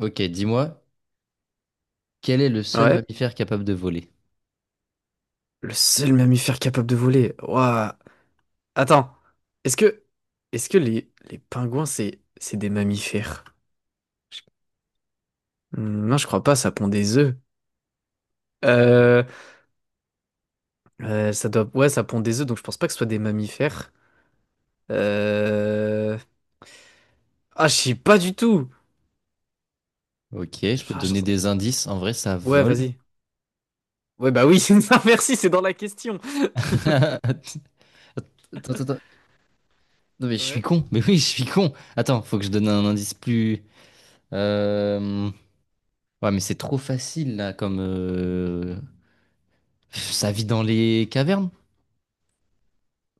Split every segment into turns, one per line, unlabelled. Ok, dis-moi, quel est le seul
Ouais,
mammifère capable de voler?
le seul mammifère capable de voler. Ouah. Attends, est-ce que est-ce que les pingouins c'est des mammifères? Hmm, non, je crois pas, ça pond des œufs. Euh, ça doit ouais, ça pond des œufs donc je pense pas que ce soit des mammifères. Euh... Ah, je sais pas du tout.
Ok, je peux te
Ah, j'en
donner
sais-
des indices. En vrai, ça
Ouais,
vole.
vas-y. Ouais, bah oui, non, merci, c'est dans la question.
Attends, attends, attends. Non, mais je suis
Ouais.
con. Mais oui, je suis con. Attends, faut que je donne un indice plus. euh, Ouais, mais c'est trop facile là, comme. Ça vit dans les cavernes?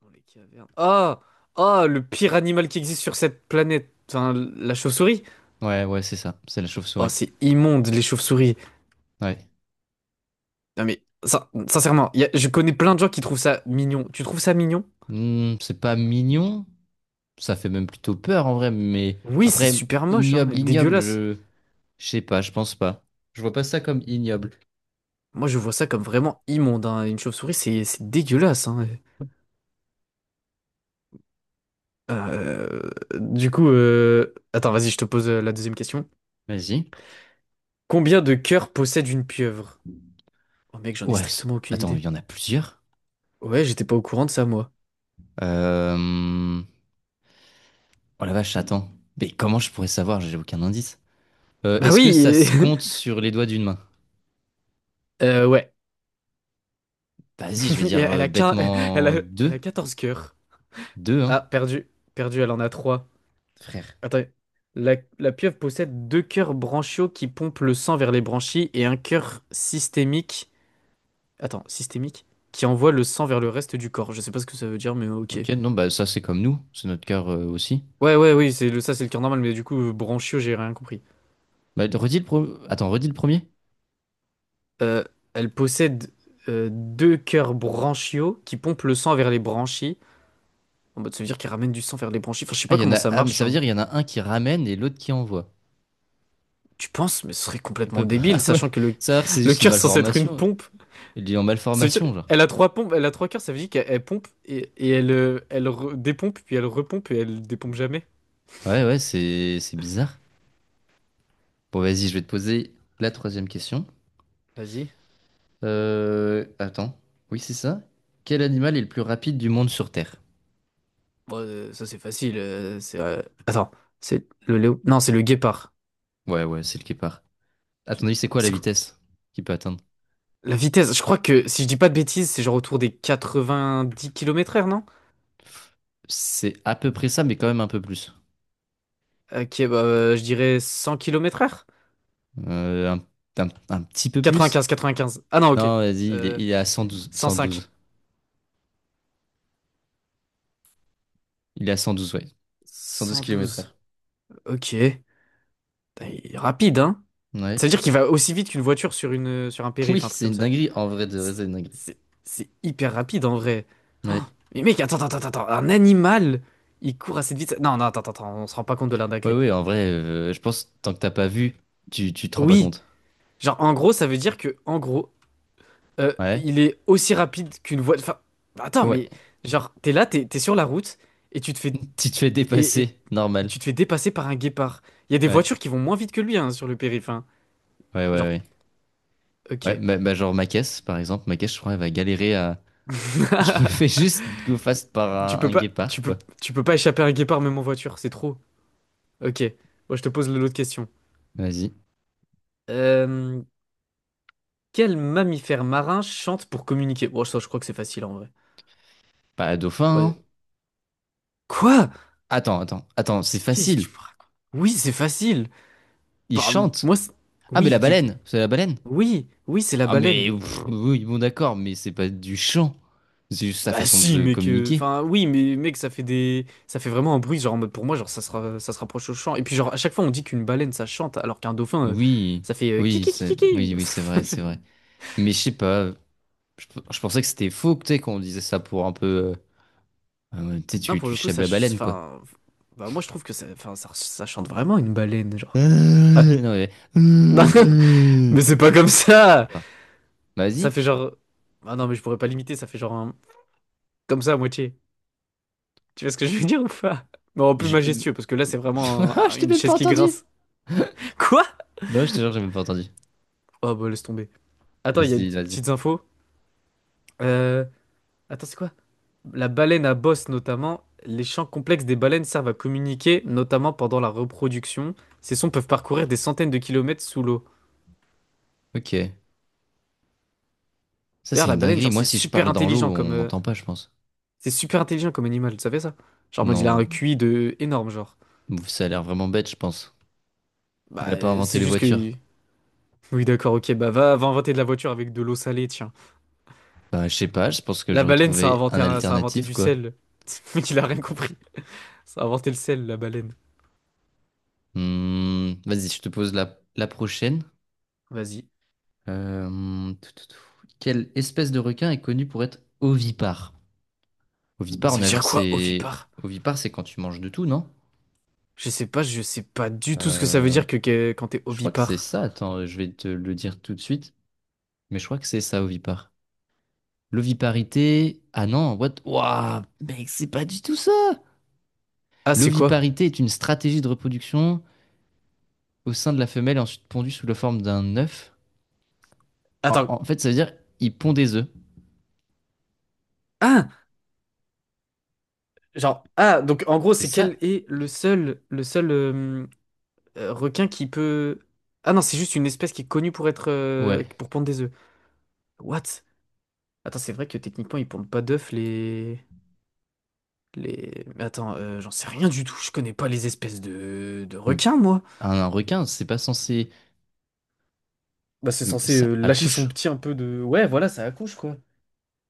Dans les cavernes. Ah, ah, le pire animal qui existe sur cette planète. Enfin, la chauve-souris.
Ouais, ouais, c'est ça. C'est la
Oh,
chauve-souris.
c'est immonde, les chauves-souris.
Ouais.
Non mais, sincèrement, je connais plein de gens qui trouvent ça mignon. Tu trouves ça mignon?
C'est pas mignon. Ça fait même plutôt peur en vrai, mais
Oui, c'est
après,
super moche, hein, et
ignoble, ignoble,
dégueulasse.
je. Je sais pas, je pense pas. Je vois pas ça comme ignoble.
Moi, je vois ça comme vraiment immonde, hein. Une chauve-souris, c'est dégueulasse, hein. Euh, du coup, attends, vas-y, je te pose la deuxième question.
Vas-y.
Combien de cœurs possède une pieuvre? Oh mec, j'en ai
Ouais,
strictement aucune
attends,
idée.
il y en a plusieurs.
Ouais, j'étais pas au courant de ça, moi.
Euh... Oh la vache, attends. Mais comment je pourrais savoir? J'ai aucun indice.
Bah
Est-ce que ça
oui!
se compte sur les doigts d'une main?
Ouais.
Vas-y, je vais dire
Elle a quin, elle
bêtement
a, elle
deux.
a 14 cœurs.
Deux, hein,
Ah, perdu. Perdu, elle en a 3.
frère.
Attends. La pieuvre possède deux cœurs branchiaux qui pompent le sang vers les branchies et un cœur systémique. Attends, systémique? Qui envoie le sang vers le reste du corps. Je sais pas ce que ça veut dire, mais ok.
Ok, non, bah ça c'est comme nous, c'est notre cœur aussi.
Ouais, ouais, oui, ça c'est le cœur normal, mais du coup, branchiaux, j'ai rien compris.
Bah, redis le Attends, redis le premier.
Euh, elle possède deux cœurs branchiaux qui pompent le sang vers les branchies. En mode, ça veut dire qu'elle ramène du sang vers les branchies. Enfin, je sais
Ah,
pas
il y en
comment
a.
ça
Ah, mais
marche,
ça veut
hein.
dire il y en a un qui ramène et l'autre qui envoie.
Tu penses, mais ce serait
Il
complètement
peut pas.
débile,
Ah
sachant
ouais,
que le,
ça a l'air que c'est
le
juste une
cœur est censé être une
malformation.
pompe.
Il est en
Ça veut dire
malformation, genre.
elle a trois pompes, elle a trois cœurs, ça veut dire qu'elle pompe et elle dépompe, puis elle repompe et elle dépompe jamais.
Ouais, ouais, c'est bizarre. Bon, vas-y, je vais te poser la troisième question.
Vas-y.
Attends. Oui, c'est ça. Quel animal est le plus rapide du monde sur Terre?
Bon, ça c'est facile. C'est Attends, c'est le léo. Non, c'est le guépard.
Ouais, ouais, c'est le guépard. Attendez, c'est quoi la
C'est quoi?
vitesse qu'il peut atteindre?
La vitesse, je crois que si je dis pas de bêtises, c'est genre autour des 90 km/h, non?
C'est à peu près ça, mais quand même un peu plus.
Bah, je dirais 100 km/h.
Euh, un, un petit peu plus?
95, 95. Ah non, ok.
Non, vas-y, il est,
Euh,
il est à 112,
Cent
cent
cinq.
douze. Il est à 112, ouais. 112
cent
kilomètres
douze.
heure.
Ok. Putain, il est rapide, hein? Ça
Ouais.
veut dire qu'il va aussi vite qu'une voiture sur un
Oui,
périph', un truc
c'est
comme
une
ça.
dinguerie. En vrai, de vrai, c'est
C'est
une dinguerie.
c'est- c'est hyper rapide en vrai. Oh,
Ouais.
mais mec, attends, attends, attends, attends. Un animal, il court à cette vitesse. Non, non, attends, attends, attends, on se rend pas compte de
Ouais,
l'indagrie.
ouais, en vrai, je pense, tant que t'as pas vu, tu te rends pas
Oui,
compte.
genre en gros, ça veut dire que, en gros,
Ouais.
il est aussi rapide qu'une voie. Enfin, attends,
Ouais.
mais genre, t'es là, t'es sur la route et tu te fais.
Tu te fais
Et, et-
dépasser.
et
Normal.
tu te fais dépasser par un guépard. Il y a des
Ouais.
voitures qui vont moins vite que lui, hein, sur le périph', hein.
Ouais, ouais,
Genre,
ouais. Ouais,
ok.
genre ma caisse, par exemple. Ma caisse, je crois, elle va galérer à. Je me fais juste go fast
Tu
par un,
peux
un
pas, tu
guépard,
peux,
quoi.
tu peux pas échapper à un guépard même en voiture, c'est trop. Ok, moi je te pose l'autre question.
Vas-y.
Euh, quel mammifère marin chante pour communiquer? Bon, ça, je crois que c'est facile en vrai.
Pas un
Ouais.
dauphin, hein.
Quoi?
Attends, attends, attends, c'est
Qu'est-ce que tu
facile.
me racontes? Oui, c'est facile.
Il
Bah,
chante.
moi,
Ah, mais
oui,
la baleine, c'est la baleine.
oui, oui, c'est la
Ah,
baleine.
mais pff, oui, bon, d'accord, mais c'est pas du chant. C'est juste sa
Bah
façon
si,
de
mec.
communiquer.
Enfin, oui, mais mec, ça fait vraiment un bruit. Genre, en mode, pour moi, genre, ça se rapproche au chant. Et puis, genre, à chaque fois, on dit qu'une baleine, ça chante, alors qu'un dauphin,
Oui,
ça fait kiki kiki kiki.
oui, oui, c'est vrai, c'est vrai. Mais je sais pas, je, je pensais que c'était faux, tu sais, quand on disait ça pour un peu. Tu sais,
Non,
tu,
pour
tu
le coup,
chèbes la baleine, quoi.
enfin, bah moi, je trouve que ça, enfin, ça chante vraiment une baleine, genre. Ah,
Non,
non.
mais-
Mais c'est pas comme ça!
d'accord.
Ça
Vas-y.
fait genre. Ah non, mais je pourrais pas limiter, ça fait genre comme ça à moitié. Tu vois ce que je veux dire ou pas? Mais en plus
Je...
majestueux, parce que là, c'est vraiment
Ah,
un-
je t'ai
une
même pas
chaise qui
entendu.
grince. Quoi?
Non, je te jure, j'ai même pas entendu.
Oh bah laisse tomber. Attends, il y a une
Vas-y,
petite-
vas-y.
petites infos. Euh... Attends, c'est quoi? La baleine à bosse, notamment. Les champs complexes des baleines servent à communiquer, notamment pendant la reproduction. Ces sons peuvent parcourir des centaines de kilomètres sous l'eau.
Ok. Ça,
D'ailleurs,
c'est
la
une
baleine,
dinguerie.
genre,
Moi,
c'est
si je
super
parle dans l'eau,
intelligent
on
comme.
m'entend pas, je pense.
C'est super intelligent comme animal, tu savais ça? Genre, en mode, il a
Non,
un QI de énorme, genre.
ça a l'air vraiment bête, je pense. Elle
Bah,
a pas inventé
c'est
les
juste
voitures.
que... Oui, d'accord, ok, bah va, va inventer de la voiture avec de l'eau salée, tiens.
Bah, je sais pas, je pense que
La
j'aurais
baleine, ça a
trouvé un
inventé
alternatif,
du
quoi.
sel. Mais il a rien compris. Ça a inventé le sel, la baleine.
Vas-y, je te pose la prochaine.
Vas-y.
Tout, tout, tout. Quelle espèce de requin est connue pour être ovipare? Ovipare, on est
Ça veut dire
d'accord,
quoi,
c'est...
ovipare?
Ovipare, c'est quand tu manges de tout, non?
Je sais pas du tout ce que ça veut
Euh,
dire que, quand t'es
Je crois que c'est
ovipare.
ça. Attends, je vais te le dire tout de suite. Mais je crois que c'est ça, ovipare. L'oviparité. Ah non, what? Waouh, mec, c'est pas du tout ça!
Ah, c'est quoi?
L'oviparité est une stratégie de reproduction au sein de la femelle, et ensuite pondue sous la forme d'un œuf. En,
Attends.
en fait, ça veut dire il pond des œufs.
Ah! Genre, ah, donc en gros,
C'est
c'est
ça?
quel est le seul requin qui peut... Ah non, c'est juste une espèce qui est connue pour être...
Ouais.
pour pondre des œufs. What? Attends, c'est vrai que techniquement, ils pondent pas d'œufs, les... Les... Mais attends, j'en sais rien du tout, je connais pas les espèces de
Hum.
requins, moi.
Un requin, c'est pas censé.
Bah, c'est
Mais
censé
ça
lâcher son
accouche.
petit un peu de... Ouais, voilà, ça accouche, quoi.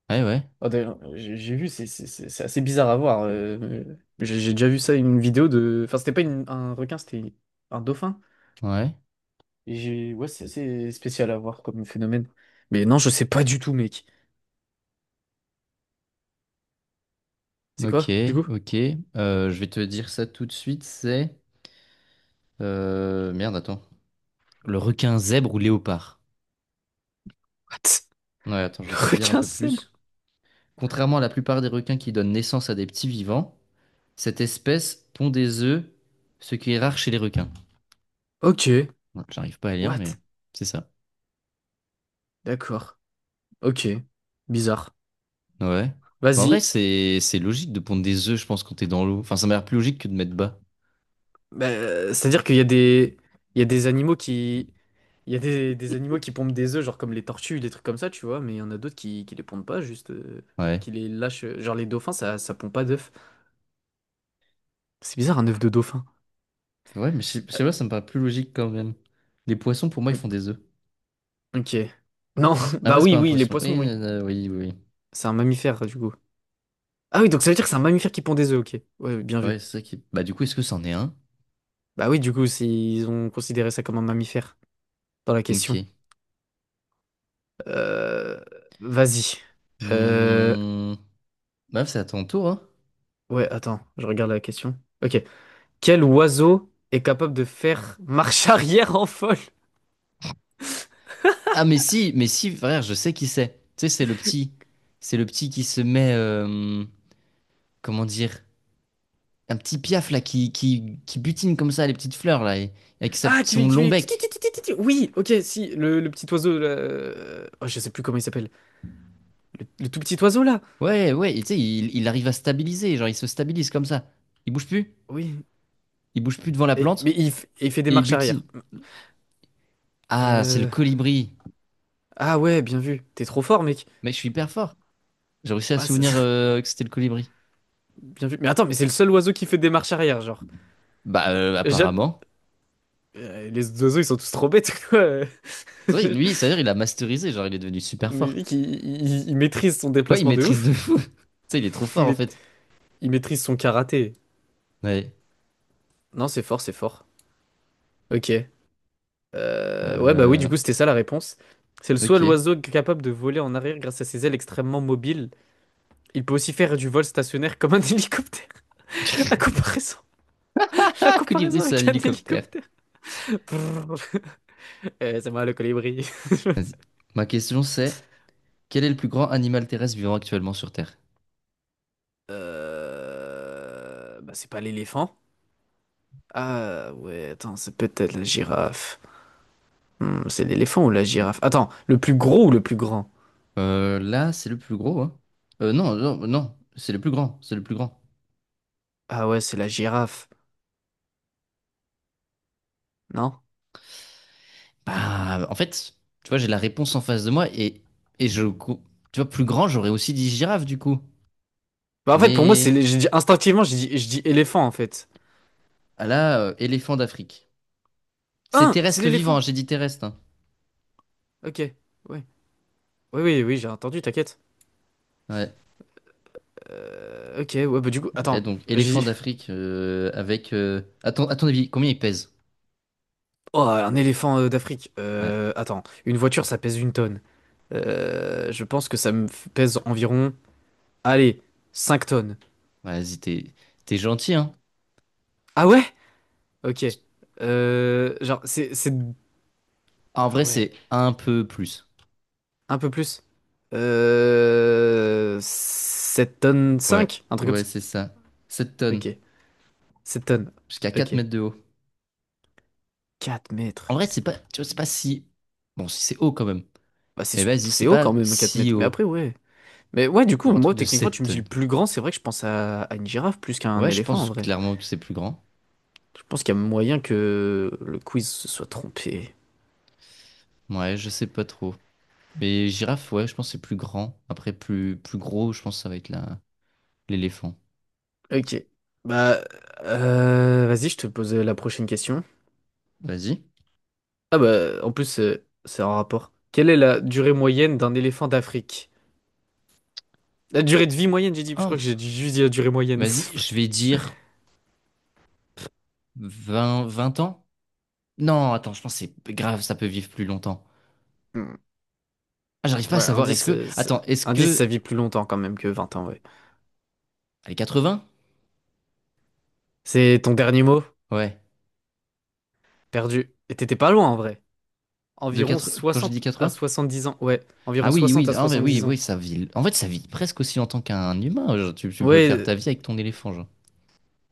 Ouais, ouais.
Ah, d'ailleurs, j'ai vu, c'est assez bizarre à voir. J'ai déjà vu ça, une vidéo de... Enfin, c'était pas un requin, c'était un dauphin.
Ouais.
Et j'ai... Ouais, c'est assez spécial à voir comme phénomène. Mais non, je sais pas du tout, mec. C'est
Ok,
quoi, du coup?
ok. Je vais te dire ça tout de suite. C'est. Merde, attends. Le requin zèbre ou léopard?
What?
Ouais, attends, je
Le
vais te dire un
requin
peu
sèbre?
plus. Contrairement à la plupart des requins qui donnent naissance à des petits vivants, cette espèce pond des œufs, ce qui est rare chez les requins.
Ok.
Ouais, j'arrive pas à lire, mais
What?
c'est ça.
D'accord. Ok. Bizarre.
Ouais. Mais en vrai,
Vas-y.
c'est logique de pondre des œufs, je pense, quand t'es dans l'eau. Enfin, ça m'a l'air plus logique que de mettre bas.
Bah, c'est-à-dire qu'il y a des animaux qui, il y a des animaux qui pondent des œufs, genre comme les tortues, des trucs comme ça, tu vois, mais il y en a d'autres qui les pondent pas, juste,
Ouais.
qui les lâchent. Genre les dauphins, ça pond pas d'œufs. C'est bizarre un œuf de dauphin.
Ouais mais je sais je
Euh,
sais pas, ça me paraît plus logique quand même. Les poissons, pour moi, ils font des œufs.
ok. Non, bah
Après, c'est
oui,
pas un
oui, les
poisson.
poissons,
Oui,
oui.
oui, oui. Oui.
C'est un mammifère, du coup. Ah oui, donc ça veut dire que c'est un mammifère qui pond des œufs, ok. Ouais, oui, bien
Ouais,
vu.
c'est ça qui... Bah, du coup, est-ce que c'en est un?
Bah oui, du coup, ils ont considéré ça comme un mammifère dans la
Ok.
question. Euh, vas-y. Euh,
Hmm. Bah, c'est à ton tour, hein.
ouais, attends, je regarde la question. Ok. Quel oiseau est capable de faire marche arrière en folle?
Ah mais si, frère, je sais qui c'est. Tu sais, c'est le petit qui se met, comment dire, un petit piaf là, qui butine comme ça les petites fleurs là, avec
Ah, qui
son
fait, qui
long
fait... ti, ti,
bec.
ti, ti, ti, ti, Oui, ok, si, le petit oiseau, là... oh, je sais plus comment il s'appelle. Le tout petit oiseau, là.
Ouais, ouais, et tu sais, il arrive à stabiliser, genre il se stabilise comme ça. Il bouge plus,
Oui.
il bouge plus devant la plante
Mais il fait des
et il
marches
butine.
arrière.
Ah, c'est le
Euh,
colibri.
Ah ouais, bien vu. T'es trop fort, mec.
Mais je suis hyper fort. J'ai réussi à
Ah,
souvenir que c'était le colibri.
bien vu. Mais attends, mais c'est le seul oiseau qui fait des marches arrière, genre.
Bah,
J'aime...
apparemment.
les oiseaux, ils sont tous trop bêtes, quoi.
C'est vrai, lui, c'est-à-dire il a masterisé, genre il est devenu super
Mais
fort.
mec, il maîtrise son
Ouais, il
déplacement de
maîtrise de
ouf.
fou. Tu sais, il est trop fort en
Mais
fait.
il maîtrise son karaté.
Ouais.
Non, c'est fort, c'est fort. Ok. Ouais, bah oui, du
Euh,
coup, c'était ça la réponse. C'est le soit
ok.
l'oiseau capable de voler en arrière grâce à ses ailes extrêmement mobiles. Il peut aussi faire du vol stationnaire comme un hélicoptère. La comparaison, la
Ah, colibri,
comparaison
c'est un
avec un
hélicoptère.
hélicoptère. Brrr. Eh, c'est moi le colibri.
Vas-y. Ma question c'est, quel est le plus grand animal terrestre vivant actuellement sur Terre?
Bah, c'est pas l'éléphant. Ah ouais, attends, c'est peut-être la girafe. C'est l'éléphant ou la girafe? Attends, le plus gros ou le plus grand?
Là, c'est le plus gros, hein. Non, non, non, c'est le plus grand, c'est le plus grand.
Ah ouais, c'est la girafe. Non?
Bah, en fait, tu vois, j'ai la réponse en face de moi et tu vois, plus grand, j'aurais aussi dit girafe, du coup.
Bah en fait, pour moi,
Mais
c'est les- j'ai dit- instinctivement, j'ai dit, je dis éléphant en fait.
ah là, éléphant d'Afrique. C'est
Hein, c'est
terrestre vivant, hein,
l'éléphant.
j'ai dit terrestre, hein.
Ok. Ouais. Oui, oui, oui, j'ai entendu, t'inquiète.
Ouais.
Ok, ouais, bah du coup,
Et
attends,
donc, éléphant
j'ai...
d'Afrique avec... à ton avis, combien il pèse?
Oh, un éléphant d'Afrique.
Ouais.
Attends, une voiture, ça pèse 1 tonne. Je pense que ça pèse environ, allez, 5 tonnes.
Ouais, vas-y, t'es gentil, hein?
Ah ouais? Ok. Genre, c'est...
Ah, en
Ah
vrai,
ouais,
c'est un peu plus.
un peu plus. 7 tonnes
Ouais,
5 un truc comme
ouais,
ça.
c'est ça. sept
Ok,
tonnes,
7 tonnes.
jusqu'à
Ok,
4 mètres de haut.
4
En
mètres.
vrai, c'est pas, tu vois, c'est pas si... Bon, si c'est haut quand même.
Bah c'est,
Mais vas-y, c'est
c'est haut
pas
quand même, 4
si
mètres. Mais
haut
après, ouais. Mais ouais, du coup,
pour un truc
moi,
de
techniquement,
7
tu me dis le
tonnes.
plus grand, c'est vrai que je pense à une girafe plus qu'à un
Ouais, je
éléphant en
pense
vrai.
clairement que c'est plus grand.
Je pense qu'il y a moyen que le quiz se soit trompé.
Ouais, je sais pas trop. Mais girafe, ouais, je pense que c'est plus grand. Après, plus gros, je pense que ça va être la... l'éléphant.
Ok. Bah, vas-y, je te pose la prochaine question.
Vas-y.
Ah bah, en plus, c'est en rapport. Quelle est la durée moyenne d'un éléphant d'Afrique? La durée de vie moyenne, j'ai dit, je crois
Oh,
que j'ai dû juste dit la durée moyenne. C'est
vas-y,
vrai.
je vais dire vingt ans? Non, attends, je pense que c'est grave, ça peut vivre plus longtemps.
Hmm.
Ah, j'arrive pas à
Ouais,
savoir. Est-ce
indice,
que. Attends, est-ce
indice, ça
que.
vit plus longtemps quand même que 20 ans, ouais.
Allez, 80?
C'est ton dernier mot?
Ouais.
Perdu. Et t'étais pas loin en vrai.
De
Environ
4... Quand j'ai dit
60 à
80?
70 ans. Ouais,
Ah
environ
oui,
60
oui,
à
en vrai, oui,
70 ans.
oui, ça vit. En fait, ça vit presque aussi longtemps qu'un humain. Genre, tu peux faire
Ouais,
ta vie avec ton éléphant, genre.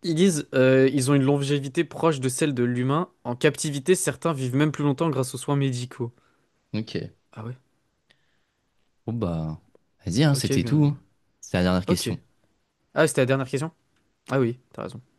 ils ont une longévité proche de celle de l'humain. En captivité, certains vivent même plus longtemps grâce aux soins médicaux.
Ok.
Ah ouais,
Bon, bah. Vas-y, hein,
ok,
c'était
bien
tout,
vu.
hein. C'est la dernière
Ok.
question.
Ah, c'était la dernière question? Ah oui, t'as raison.